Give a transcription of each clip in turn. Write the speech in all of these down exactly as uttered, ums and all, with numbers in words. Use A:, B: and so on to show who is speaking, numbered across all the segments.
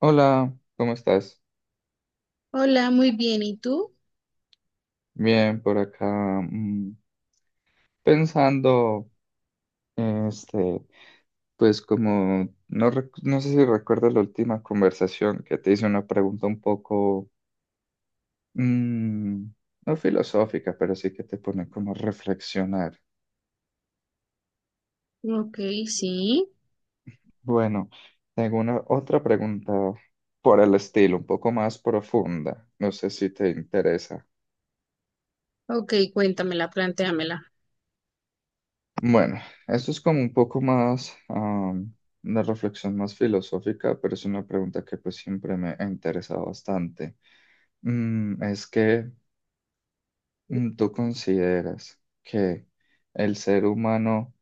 A: Hola, ¿cómo estás?
B: Hola, muy bien. ¿Y tú?
A: Bien, por acá, mm, pensando, este, pues como, no, rec- no sé si recuerdas la última conversación que te hice una pregunta un poco, mm, no filosófica, pero sí que te pone como a reflexionar.
B: Ok, sí.
A: Bueno, tengo una otra pregunta por el estilo, un poco más profunda, no sé si te interesa.
B: Ok, cuéntamela, plantéamela.
A: Bueno, esto es como un poco más, am, una reflexión más filosófica, pero es una pregunta que pues siempre me ha interesado bastante. Mm, es que mm, tú consideras que el ser humano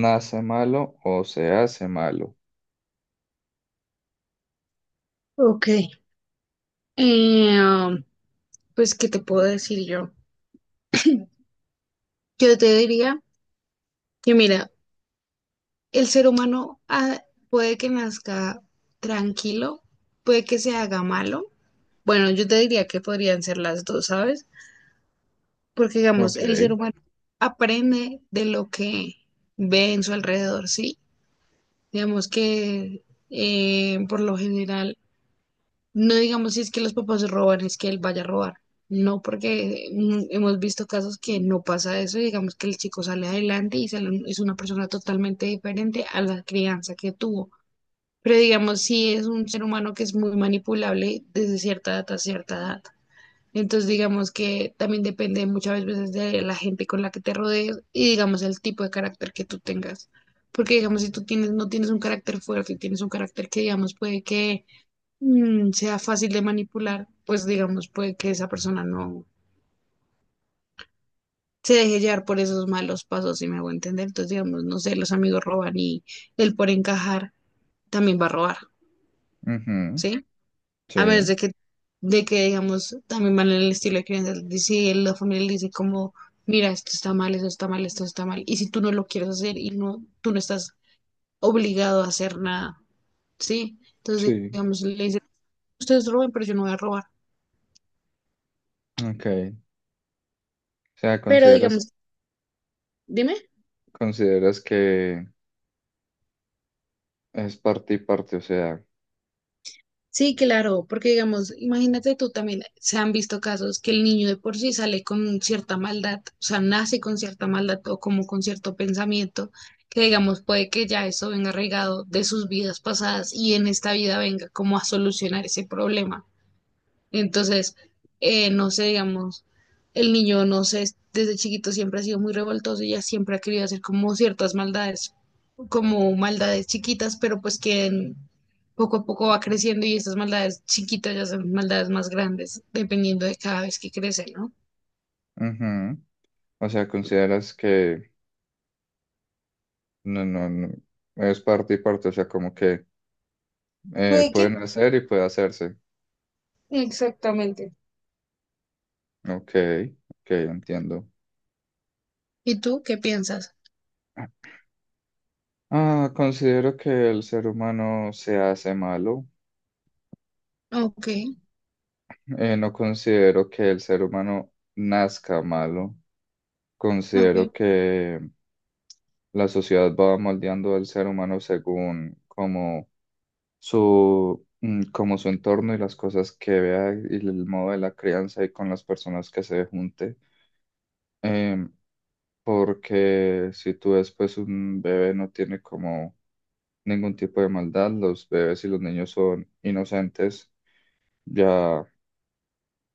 A: nace malo o se hace malo.
B: Ok. Eh, um, pues, ¿qué te puedo decir yo? Yo te diría que, mira, el ser humano ah, puede que nazca tranquilo, puede que se haga malo. Bueno, yo te diría que podrían ser las dos, ¿sabes? Porque, digamos,
A: Ok.
B: el ser humano aprende de lo que ve en su alrededor, ¿sí? Digamos que eh, por lo general, no digamos si es que los papás roban, es que él vaya a robar. No, porque mm, hemos visto casos que no pasa eso, y digamos que el chico sale adelante y sale un- es una persona totalmente diferente a la crianza que tuvo. Pero digamos, si es un ser humano que es muy manipulable desde cierta edad a cierta edad. Entonces, digamos que también depende muchas veces de la gente con la que te rodees y, digamos, el tipo de carácter que tú tengas. Porque, digamos, si tú tienes, no tienes un carácter fuerte, tienes un carácter que, digamos, puede que mm, sea fácil de manipular, pues, digamos, puede que esa persona no se deje llevar por esos malos pasos, si me hago entender. Entonces, digamos, no sé, los amigos roban y él por encajar también va a robar,
A: Ujú.
B: ¿sí? A menos
A: Sí,
B: de que, de que digamos, también van en el estilo de crianza. Si la familia le dice como, mira, esto está mal, esto está mal, esto está mal. Y si tú no lo quieres hacer y no, tú no estás obligado a hacer nada, ¿sí? Entonces,
A: sí.
B: digamos, le dice, ustedes roben, pero yo no voy a robar.
A: Ok. O sea,
B: Pero
A: consideras,
B: digamos, dime.
A: consideras que es parte y parte, o sea,
B: Sí, claro, porque digamos, imagínate tú también, se han visto casos que el niño de por sí sale con cierta maldad, o sea, nace con cierta maldad o como con cierto pensamiento, que digamos puede que ya eso venga arraigado de sus vidas pasadas y en esta vida venga como a solucionar ese problema. Entonces, eh, no sé, digamos, el niño, no sé, desde chiquito siempre ha sido muy revoltoso y ya siempre ha querido hacer como ciertas maldades, como maldades chiquitas, pero pues que en- poco a poco va creciendo y estas maldades chiquitas ya son maldades más grandes, dependiendo de cada vez que crece, ¿no?
A: ujú. O sea, consideras que no, no, no. Es parte y parte, o sea, como que eh,
B: Puede que...
A: pueden hacer y puede hacerse.
B: Exactamente.
A: Ok, ok, entiendo.
B: ¿Y tú qué piensas?
A: Ah, considero que el ser humano se hace malo.
B: Ok,
A: Eh, no considero que el ser humano nazca malo.
B: ok,
A: Considero que la sociedad va moldeando al ser humano según como su, mm, como su entorno y las cosas que vea y el modo de la crianza y con las personas que se junte. Em, porque si tú ves, pues un bebé no tiene como ningún tipo de maldad, los bebés y los niños son inocentes, ya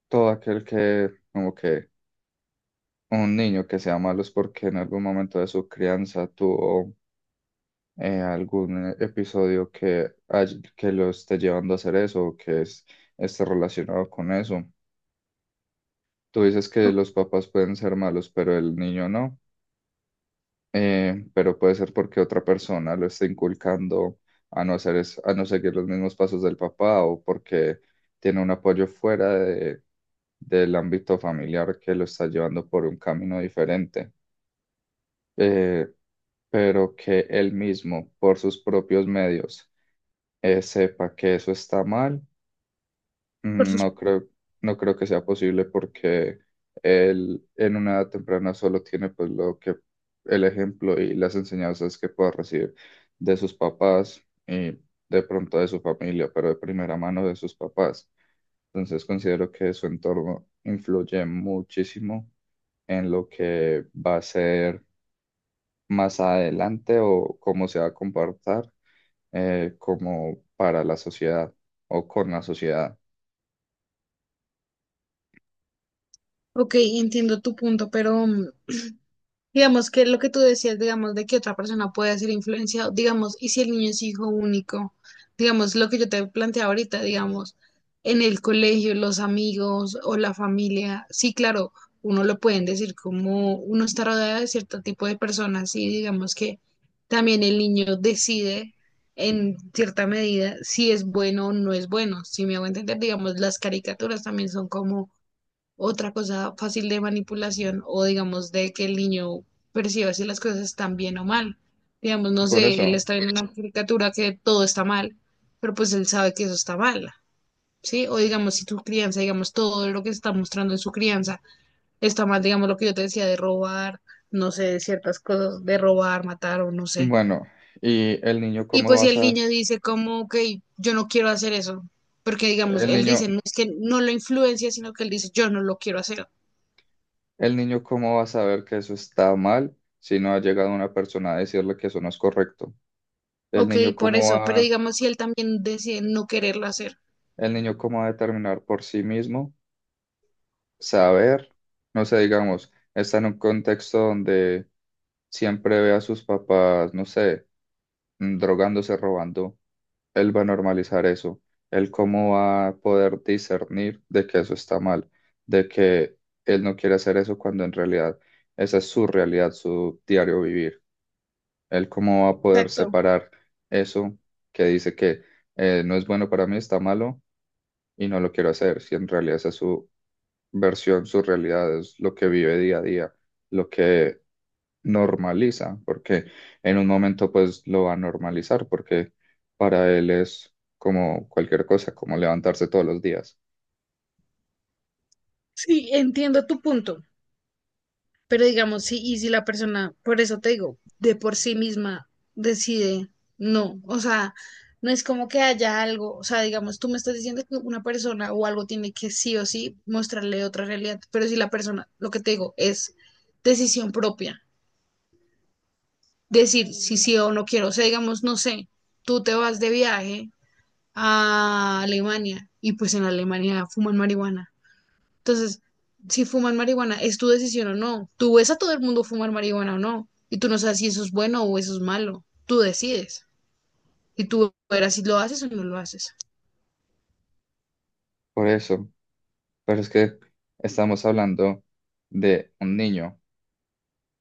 A: todo aquel que, como que un niño que sea malo es porque en algún momento de su crianza tuvo eh, algún episodio que, hay- que lo esté llevando a hacer eso o que es, esté relacionado con eso. Tú dices que
B: o-
A: los papás pueden ser malos, pero el niño no. eh, pero puede ser porque otra persona lo está inculcando a no hacer es- a no seguir los mismos pasos del papá o porque tiene un apoyo fuera de- del ámbito familiar que lo está llevando por un camino diferente, eh, pero que él mismo, por sus propios medios, eh, sepa que eso está mal.
B: por
A: Mm,
B: sus-
A: No creo, no creo que sea posible porque él en una edad temprana solo tiene pues lo que el ejemplo y las enseñanzas que pueda recibir de sus papás y de pronto de su familia, pero de primera mano de sus papás. Entonces considero que su entorno influye muchísimo en lo que va a ser más adelante o cómo se va a comportar, eh, como para la sociedad o con la sociedad.
B: ok, entiendo tu punto, pero mm, digamos que lo que tú decías, digamos, de que otra persona puede ser influenciado, digamos, y si el niño es hijo único, digamos, lo que yo te planteaba ahorita, digamos, en el colegio, los amigos o la familia, sí, claro, uno lo pueden decir como uno está rodeado de cierto tipo de personas y digamos que también el niño decide en cierta medida si es bueno o no es bueno, si me hago entender, digamos, las caricaturas también son como otra cosa fácil de manipulación o digamos de que el niño perciba si las cosas están bien o mal. Digamos, no
A: Por
B: sé, él
A: eso.
B: está viendo una caricatura que todo está mal, pero pues él sabe que eso está mal, ¿sí? O digamos, si tu crianza, digamos, todo lo que se está mostrando en su crianza está mal, digamos, lo que yo te decía de robar, no sé, de ciertas cosas, de robar, matar o no sé.
A: Bueno, y el niño
B: Y
A: cómo
B: pues
A: va a
B: si el
A: sa-
B: niño dice como, ok, yo no quiero hacer eso, porque digamos,
A: el
B: él dice,
A: niño,
B: no es que no lo influencia, sino que él dice, yo no lo quiero hacer.
A: el niño cómo va a saber que eso está mal si no ha llegado una persona a decirle que eso no es correcto. El
B: Ok,
A: niño
B: por
A: cómo
B: eso, pero
A: va,
B: digamos si él también decide no quererlo hacer.
A: el niño cómo va a determinar por sí mismo saber, no sé, digamos, está en un contexto donde siempre ve a sus papás, no sé, mm, drogándose, robando. Él va a normalizar eso, él cómo va a poder discernir de que eso está mal, de que él no quiere hacer eso cuando en realidad esa es su realidad, su diario vivir, él cómo va a poder
B: Exacto.
A: separar eso que dice que eh, no es bueno para mí, está malo y no lo quiero hacer, si en realidad esa es su versión, su realidad, es lo que vive día a día, lo que normaliza, porque en un momento pues lo va a normalizar, porque para él es como cualquier cosa, como levantarse todos los días.
B: Sí, entiendo tu punto, pero digamos, sí, y si la persona, por eso te digo, de por sí misma decide no, o sea, no es como que haya algo, o sea, digamos, tú me estás diciendo que una persona o algo tiene que sí o sí mostrarle otra realidad, pero si la persona, lo que te digo, es decisión propia, decir si sí o no quiero, o sea, digamos, no sé, tú te vas de viaje a Alemania y pues en Alemania fuman marihuana. Entonces, si fuman marihuana, es tu decisión o no. Tú ves a todo el mundo fumar marihuana o no y tú no sabes si eso es bueno o eso es malo. Tú decides y tú verás si lo haces o no lo haces.
A: Por eso, pero es que estamos hablando de un niño.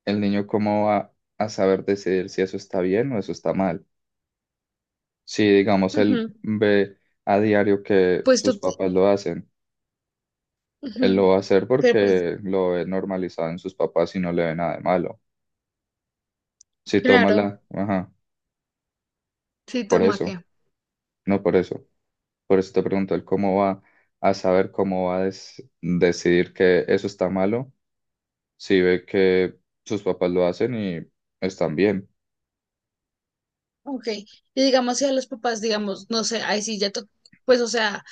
A: El niño cómo va a saber decidir si eso está bien o eso está mal. Si digamos
B: Ujú.
A: él ve a diario que
B: Pues tú,
A: sus papás lo hacen, él lo
B: ujú.
A: va a hacer
B: Pero pues,
A: porque lo ve normalizado en sus papás y no le ve nada de malo. Si toma
B: claro.
A: la, ajá,
B: Sí,
A: por
B: toma
A: eso,
B: que.
A: no por eso. Por eso te pregunto, el cómo va a saber cómo va a des- decidir que eso está malo si ve que sus papás lo hacen y están bien.
B: Ok, y digamos si a los papás, digamos, no sé, ahí sí ya, to- pues o sea,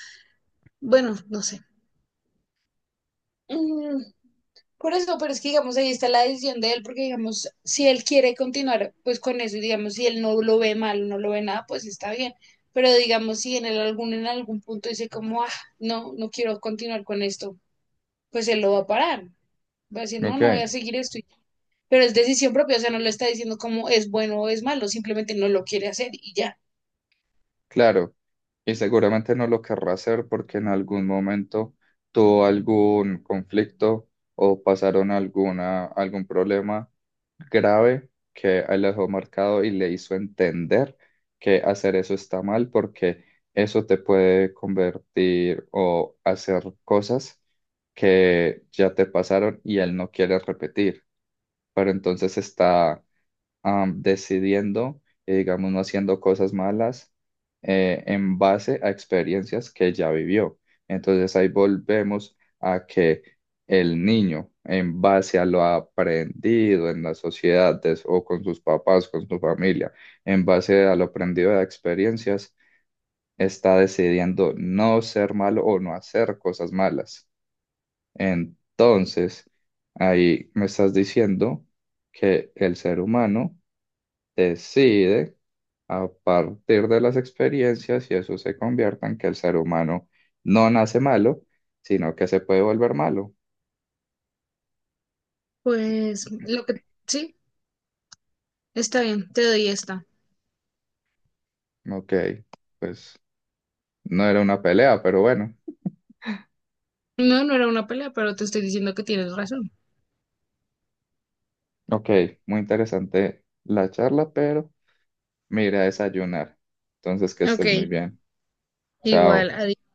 B: bueno, no sé. Mm, Por eso, pero es que digamos, ahí está la decisión de él, porque digamos, si él quiere continuar pues con eso y digamos, si él no lo ve mal, no lo ve nada, pues está bien. Pero digamos, si en el algún, en algún punto dice como, ah, no, no quiero continuar con esto, pues él lo va a parar. Va a decir, no,
A: Ok,
B: no voy a seguir esto. y- Pero es decisión propia, o sea, no le está diciendo como es bueno o es malo, simplemente no lo quiere hacer y ya.
A: claro. Y seguramente no lo querrá hacer porque en algún momento tuvo algún conflicto o pasaron alguna, algún problema grave que él le dejó marcado y le hizo entender que hacer eso está mal porque eso te puede convertir o hacer cosas que ya te pasaron y él no quiere repetir. Pero entonces está am, decidiendo y digamos no haciendo cosas malas, eh, en base a experiencias que ya vivió. Entonces ahí volvemos a que el niño, en base a lo aprendido en la sociedad de- o con sus papás, con su familia, en base a lo aprendido de experiencias, está decidiendo no ser malo o no hacer cosas malas. Entonces, ahí me estás diciendo que el ser humano decide a partir de las experiencias y eso se convierta en que el ser humano no nace malo, sino que se puede volver malo.
B: Pues lo que sí, está bien, te doy esta.
A: Ok, pues no era una pelea, pero bueno.
B: No, no era una pelea, pero te estoy diciendo que tienes razón.
A: Ok, muy interesante la charla, pero me iré a desayunar. Entonces, que
B: Ok,
A: estés muy bien.
B: igual,
A: Chao.
B: adiós.